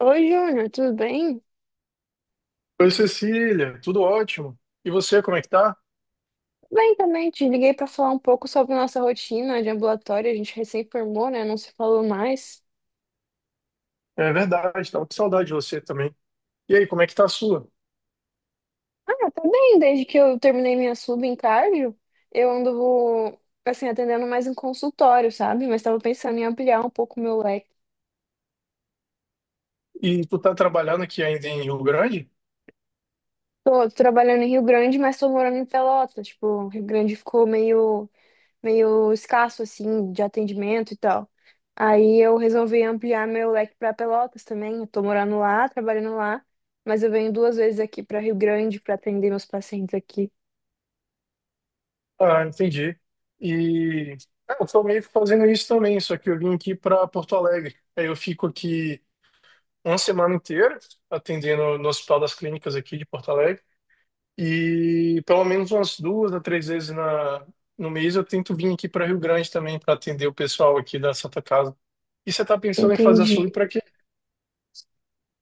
Oi, Júnior, tudo bem? Oi, Cecília, tudo ótimo. E você, como é que tá? Bem também, te liguei para falar um pouco sobre nossa rotina de ambulatório. A gente recém formou, né? Não se falou mais. É verdade, tava com saudade de você também. E aí, como é que tá a sua? Ah, tá bem, desde que eu terminei minha sub em cardio, eu ando, assim, atendendo mais em consultório, sabe? Mas tava pensando em ampliar um pouco o meu leque. E tu tá trabalhando aqui ainda em Rio Grande? Tô, trabalhando em Rio Grande, mas tô morando em Pelotas. Tipo, Rio Grande ficou meio escasso assim de atendimento e tal. Aí eu resolvi ampliar meu leque para Pelotas também. Eu tô morando lá, trabalhando lá, mas eu venho duas vezes aqui para Rio Grande para atender meus pacientes aqui. Ah, entendi. E eu tô meio que fazendo isso também, só que eu vim aqui para Porto Alegre. Aí eu fico aqui uma semana inteira atendendo no Hospital das Clínicas aqui de Porto Alegre. E pelo menos umas duas a três vezes no mês eu tento vir aqui para Rio Grande também para atender o pessoal aqui da Santa Casa. E você está pensando em fazer Entendi. açougue para quê?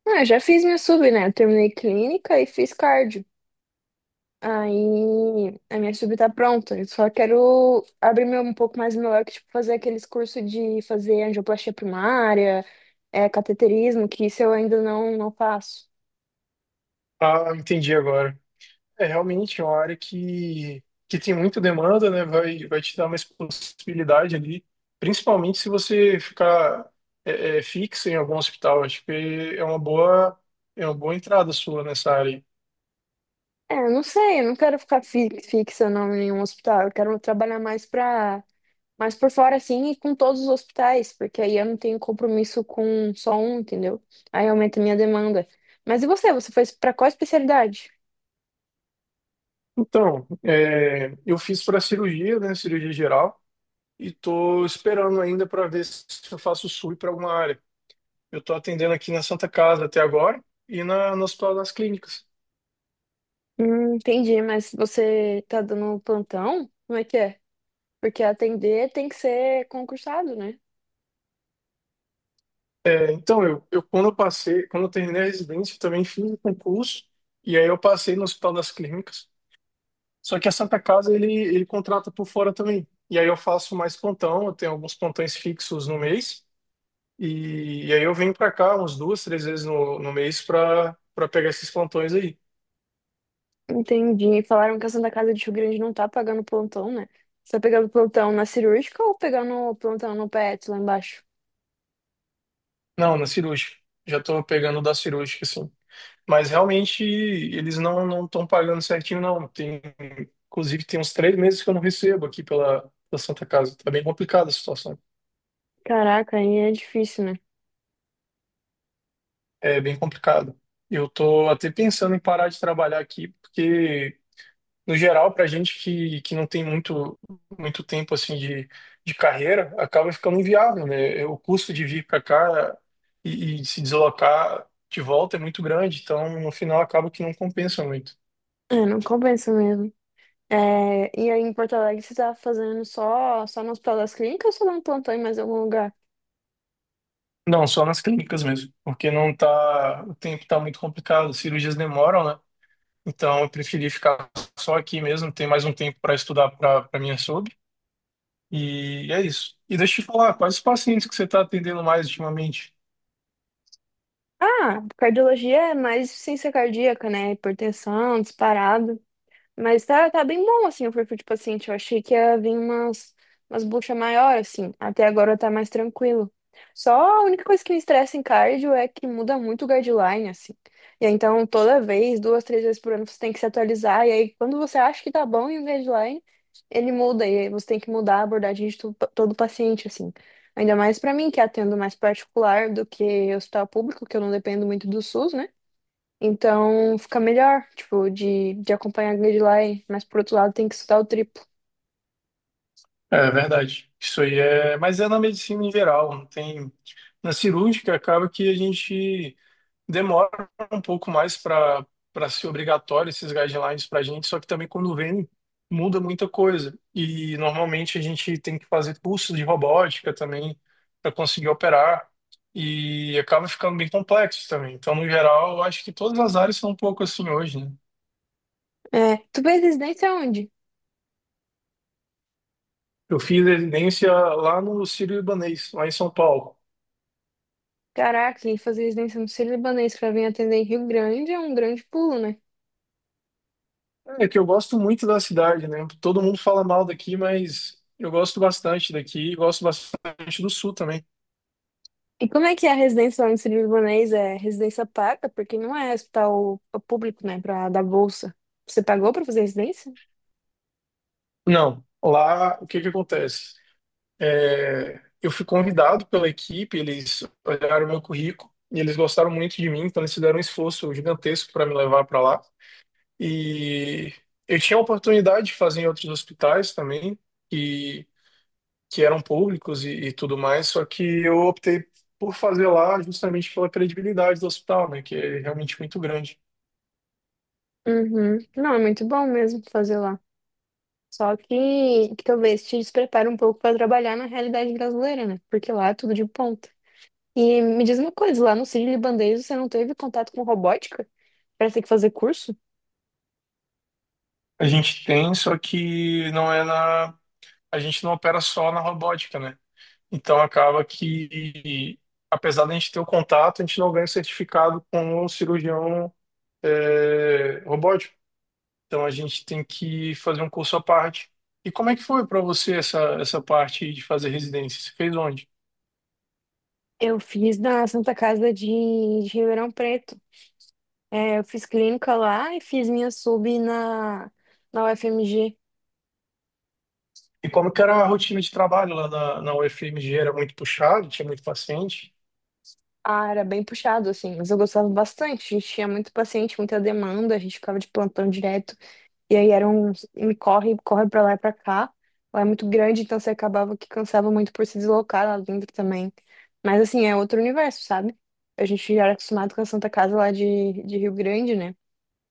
Ah, eu já fiz minha sub, né? Eu terminei clínica e fiz cardio. Aí a minha sub tá pronta. Eu só quero abrir meu, um pouco mais meu leque, tipo, fazer aqueles cursos de fazer angioplastia primária, é, cateterismo, que isso eu ainda não faço. Ah, entendi agora. É realmente é uma área que tem muita demanda, né? Vai te dar mais possibilidade ali, principalmente se você ficar fixo em algum hospital. Acho que é uma boa, é uma boa entrada sua nessa área. Aí. É, eu não sei, eu não quero ficar fixa não, em nenhum hospital. Eu quero trabalhar mais por fora, assim, e com todos os hospitais, porque aí eu não tenho compromisso com só um, entendeu? Aí aumenta a minha demanda. Mas e você? Você foi pra qual especialidade? Então, é, eu fiz para cirurgia, né? Cirurgia geral. E tô esperando ainda para ver se eu faço SUI para alguma área. Eu tô atendendo aqui na Santa Casa até agora e no Hospital das Clínicas. Entendi, mas você tá dando plantão? Como é que é? Porque atender tem que ser concursado, né? É. Então, eu quando eu passei, quando eu terminei a residência, eu também fiz o concurso e aí eu passei no Hospital das Clínicas. Só que a Santa Casa ele contrata por fora também. E aí eu faço mais plantão, eu tenho alguns plantões fixos no mês e aí eu venho para cá umas duas, três vezes no mês para pegar esses plantões aí. Entendi. Falaram que a Santa Casa de Rio Grande não tá pagando plantão, né? Você tá pegando plantão na cirúrgica ou pegando plantão no PET lá embaixo? Não, na cirúrgica. Já tô pegando da cirúrgica, assim. Mas realmente eles não estão pagando certinho, não. Tem, inclusive, tem uns três meses que eu não recebo aqui pela Santa Casa. Tá bem complicada a situação. Caraca, aí é difícil, né? É bem complicado. Eu tô até pensando em parar de trabalhar aqui, porque, no geral, para gente que não tem muito tempo assim de carreira, acaba ficando inviável, né? O custo de vir para cá e se deslocar de volta é muito grande, então no final acaba que não compensa muito. É, não compensa mesmo. É, e aí em Porto Alegre você tá fazendo só no Hospital das Clínicas ou só dá um plantão em mais algum lugar? Não, só nas clínicas mesmo, porque não tá, o tempo tá muito complicado, as cirurgias demoram, né? Então eu preferi ficar só aqui mesmo, ter mais um tempo para estudar para minha sub, e é isso. E deixa eu te falar, quais os pacientes que você está atendendo mais ultimamente? Ah, cardiologia é mais ciência cardíaca, né? Hipertensão, disparado. Mas tá bem bom, assim, o perfil de paciente. Eu achei que ia vir umas buchas maiores, assim. Até agora tá mais tranquilo. Só a única coisa que me estressa em cardio é que muda muito o guideline, assim. E aí, então, toda vez, duas, três vezes por ano, você tem que se atualizar. E aí, quando você acha que tá bom em guideline, ele muda. E aí, você tem que mudar a abordagem de todo paciente, assim. Ainda mais pra mim, que atendo mais particular do que hospital público, que eu não dependo muito do SUS, né? Então fica melhor, tipo, de acompanhar a guideline, mas por outro lado tem que estudar o triplo. É verdade. Isso aí é, mas é na medicina em geral, não tem na cirúrgica acaba que a gente demora um pouco mais para ser obrigatório esses guidelines para a gente, só que também quando vem muda muita coisa. E normalmente a gente tem que fazer cursos de robótica também para conseguir operar e acaba ficando bem complexo também. Então, no geral, eu acho que todas as áreas são um pouco assim hoje, né? É, tu fez residência onde? Eu fiz residência lá no Sírio-Libanês, lá em São Paulo. Caraca, e fazer residência no Sírio-Libanês pra vir atender em Rio Grande é um grande pulo, né? É que eu gosto muito da cidade, né? Todo mundo fala mal daqui, mas eu gosto bastante daqui, e gosto bastante do sul também. E como é que é a residência lá no Sírio Libanês? É residência paga? Porque não é hospital é público, né, pra dar bolsa. Você pagou para fazer residência? Não, lá o que que acontece? É, eu fui convidado pela equipe, eles olharam meu currículo e eles gostaram muito de mim, então eles fizeram um esforço gigantesco para me levar para lá. E eu tinha a oportunidade de fazer em outros hospitais também, e, que eram públicos e tudo mais, só que eu optei por fazer lá justamente pela credibilidade do hospital, né, que é realmente muito grande. Uhum. Não, é muito bom mesmo fazer lá. Só que talvez te desprepare um pouco para trabalhar na realidade brasileira, né? Porque lá é tudo de ponta. E me diz uma coisa, lá no Sírio-Libanês você não teve contato com robótica para ter que fazer curso? A gente tem, só que não é na, a gente não opera só na robótica, né? Então acaba que, apesar da gente ter o contato, a gente não ganha o certificado com o cirurgião é, robótico. Então a gente tem que fazer um curso à parte. E como é que foi para você essa parte de fazer residência? Você fez onde? Eu fiz na Santa Casa de Ribeirão Preto. É, eu fiz clínica lá e fiz minha sub na UFMG. E como que era a rotina de trabalho lá na UFMG? Era muito puxado, tinha muito paciente? Ah, era bem puxado, assim, mas eu gostava bastante. A gente tinha muito paciente, muita demanda, a gente ficava de plantão direto. E aí era um corre, corre pra lá e pra cá. Lá é muito grande, então você acabava que cansava muito por se deslocar lá dentro também. Mas assim, é outro universo, sabe? A gente já era acostumado com a Santa Casa lá de Rio Grande, né?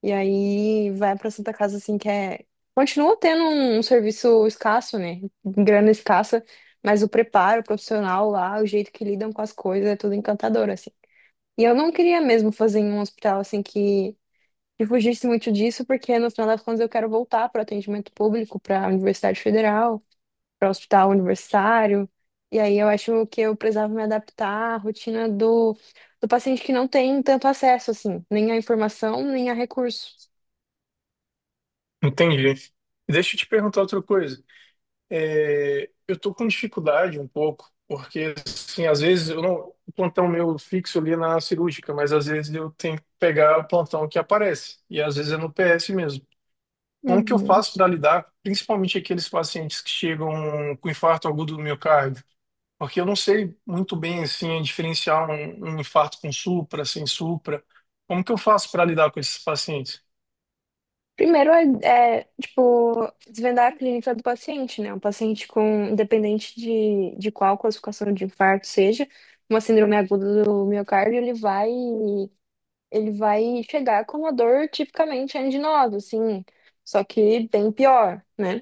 E aí vai pra Santa Casa assim que é. Continua tendo um serviço escasso, né? Grana escassa, mas o preparo profissional lá, o jeito que lidam com as coisas, é tudo encantador, assim. E eu não queria mesmo fazer em um hospital assim que fugisse muito disso, porque no final das contas eu quero voltar para o atendimento público, para a Universidade Federal, para o hospital universitário. E aí eu acho que eu precisava me adaptar à rotina do paciente que não tem tanto acesso, assim, nem à informação, nem a recurso. Entendi. Deixa eu te perguntar outra coisa. É, eu tô com dificuldade um pouco, porque assim, às vezes eu não, o plantão meu fixo ali é na cirúrgica, mas às vezes eu tenho que pegar o plantão que aparece, e às vezes é no PS mesmo. Como que eu Uhum. faço para lidar, principalmente aqueles pacientes que chegam com infarto agudo do miocárdio? Porque eu não sei muito bem assim diferenciar um infarto com supra, sem supra. Como que eu faço para lidar com esses pacientes? Primeiro tipo, desvendar a clínica do paciente, né? Um paciente com, independente de qual classificação de infarto seja, uma síndrome aguda do miocárdio, ele vai chegar com uma dor tipicamente anginosa, assim, só que bem pior, né?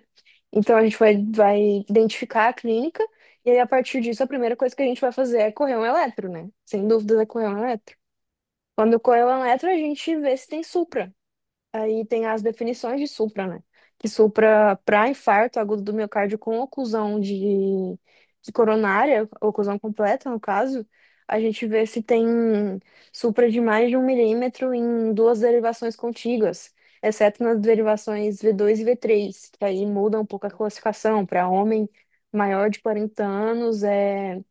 Então a gente vai identificar a clínica e aí a partir disso a primeira coisa que a gente vai fazer é correr um eletro, né? Sem dúvidas é correr um eletro. Quando correr um eletro, a gente vê se tem supra. Aí tem as definições de supra, né? Que supra para infarto agudo do miocárdio com oclusão de coronária, oclusão completa, no caso, a gente vê se tem supra de mais de 1 milímetro em duas derivações contíguas, exceto nas derivações V2 e V3, que aí muda um pouco a classificação. Para homem maior de 40 anos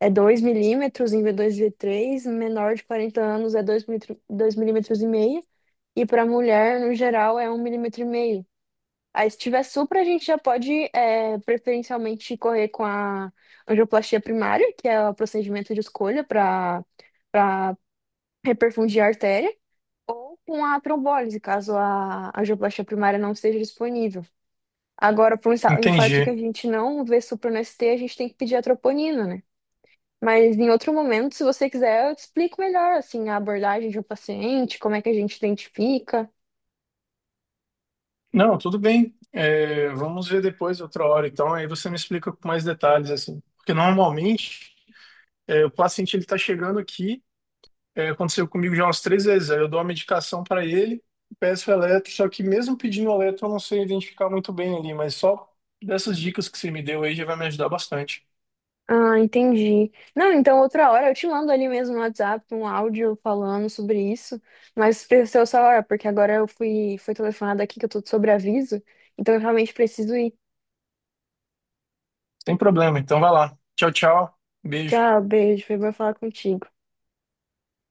é 2 milímetros em V2 e V3, menor de 40 anos é 2,5 milímetros e para mulher, no geral, é 1,5 milímetros. Aí, se tiver supra, a gente já pode é, preferencialmente correr com a angioplastia primária, que é o procedimento de escolha para para reperfundir a artéria, ou com a trombólise, caso a angioplastia primária não esteja disponível. Agora, para um infarto que a Entendi. gente não vê supra no ST, a gente tem que pedir a troponina, né? Mas em outro momento, se você quiser, eu te explico melhor assim, a abordagem de um paciente, como é que a gente identifica. Não, tudo bem. É, vamos ver depois outra hora. Então, aí você me explica com mais detalhes assim. Porque normalmente é, o paciente ele está chegando aqui. É, aconteceu comigo já umas três vezes. Aí eu dou a medicação para ele, peço eletro, só que mesmo pedindo eletro eu não sei identificar muito bem ali, mas só dessas dicas que você me deu aí já vai me ajudar bastante. Ah, entendi. Não, então outra hora eu te mando ali mesmo no WhatsApp um áudio falando sobre isso, mas precisa só hora, porque agora eu fui telefonada aqui que eu tô de sobreaviso, então eu realmente preciso ir. Sem problema, então vai lá. Tchau, tchau. Beijo. Tchau, beijo, foi bom falar contigo.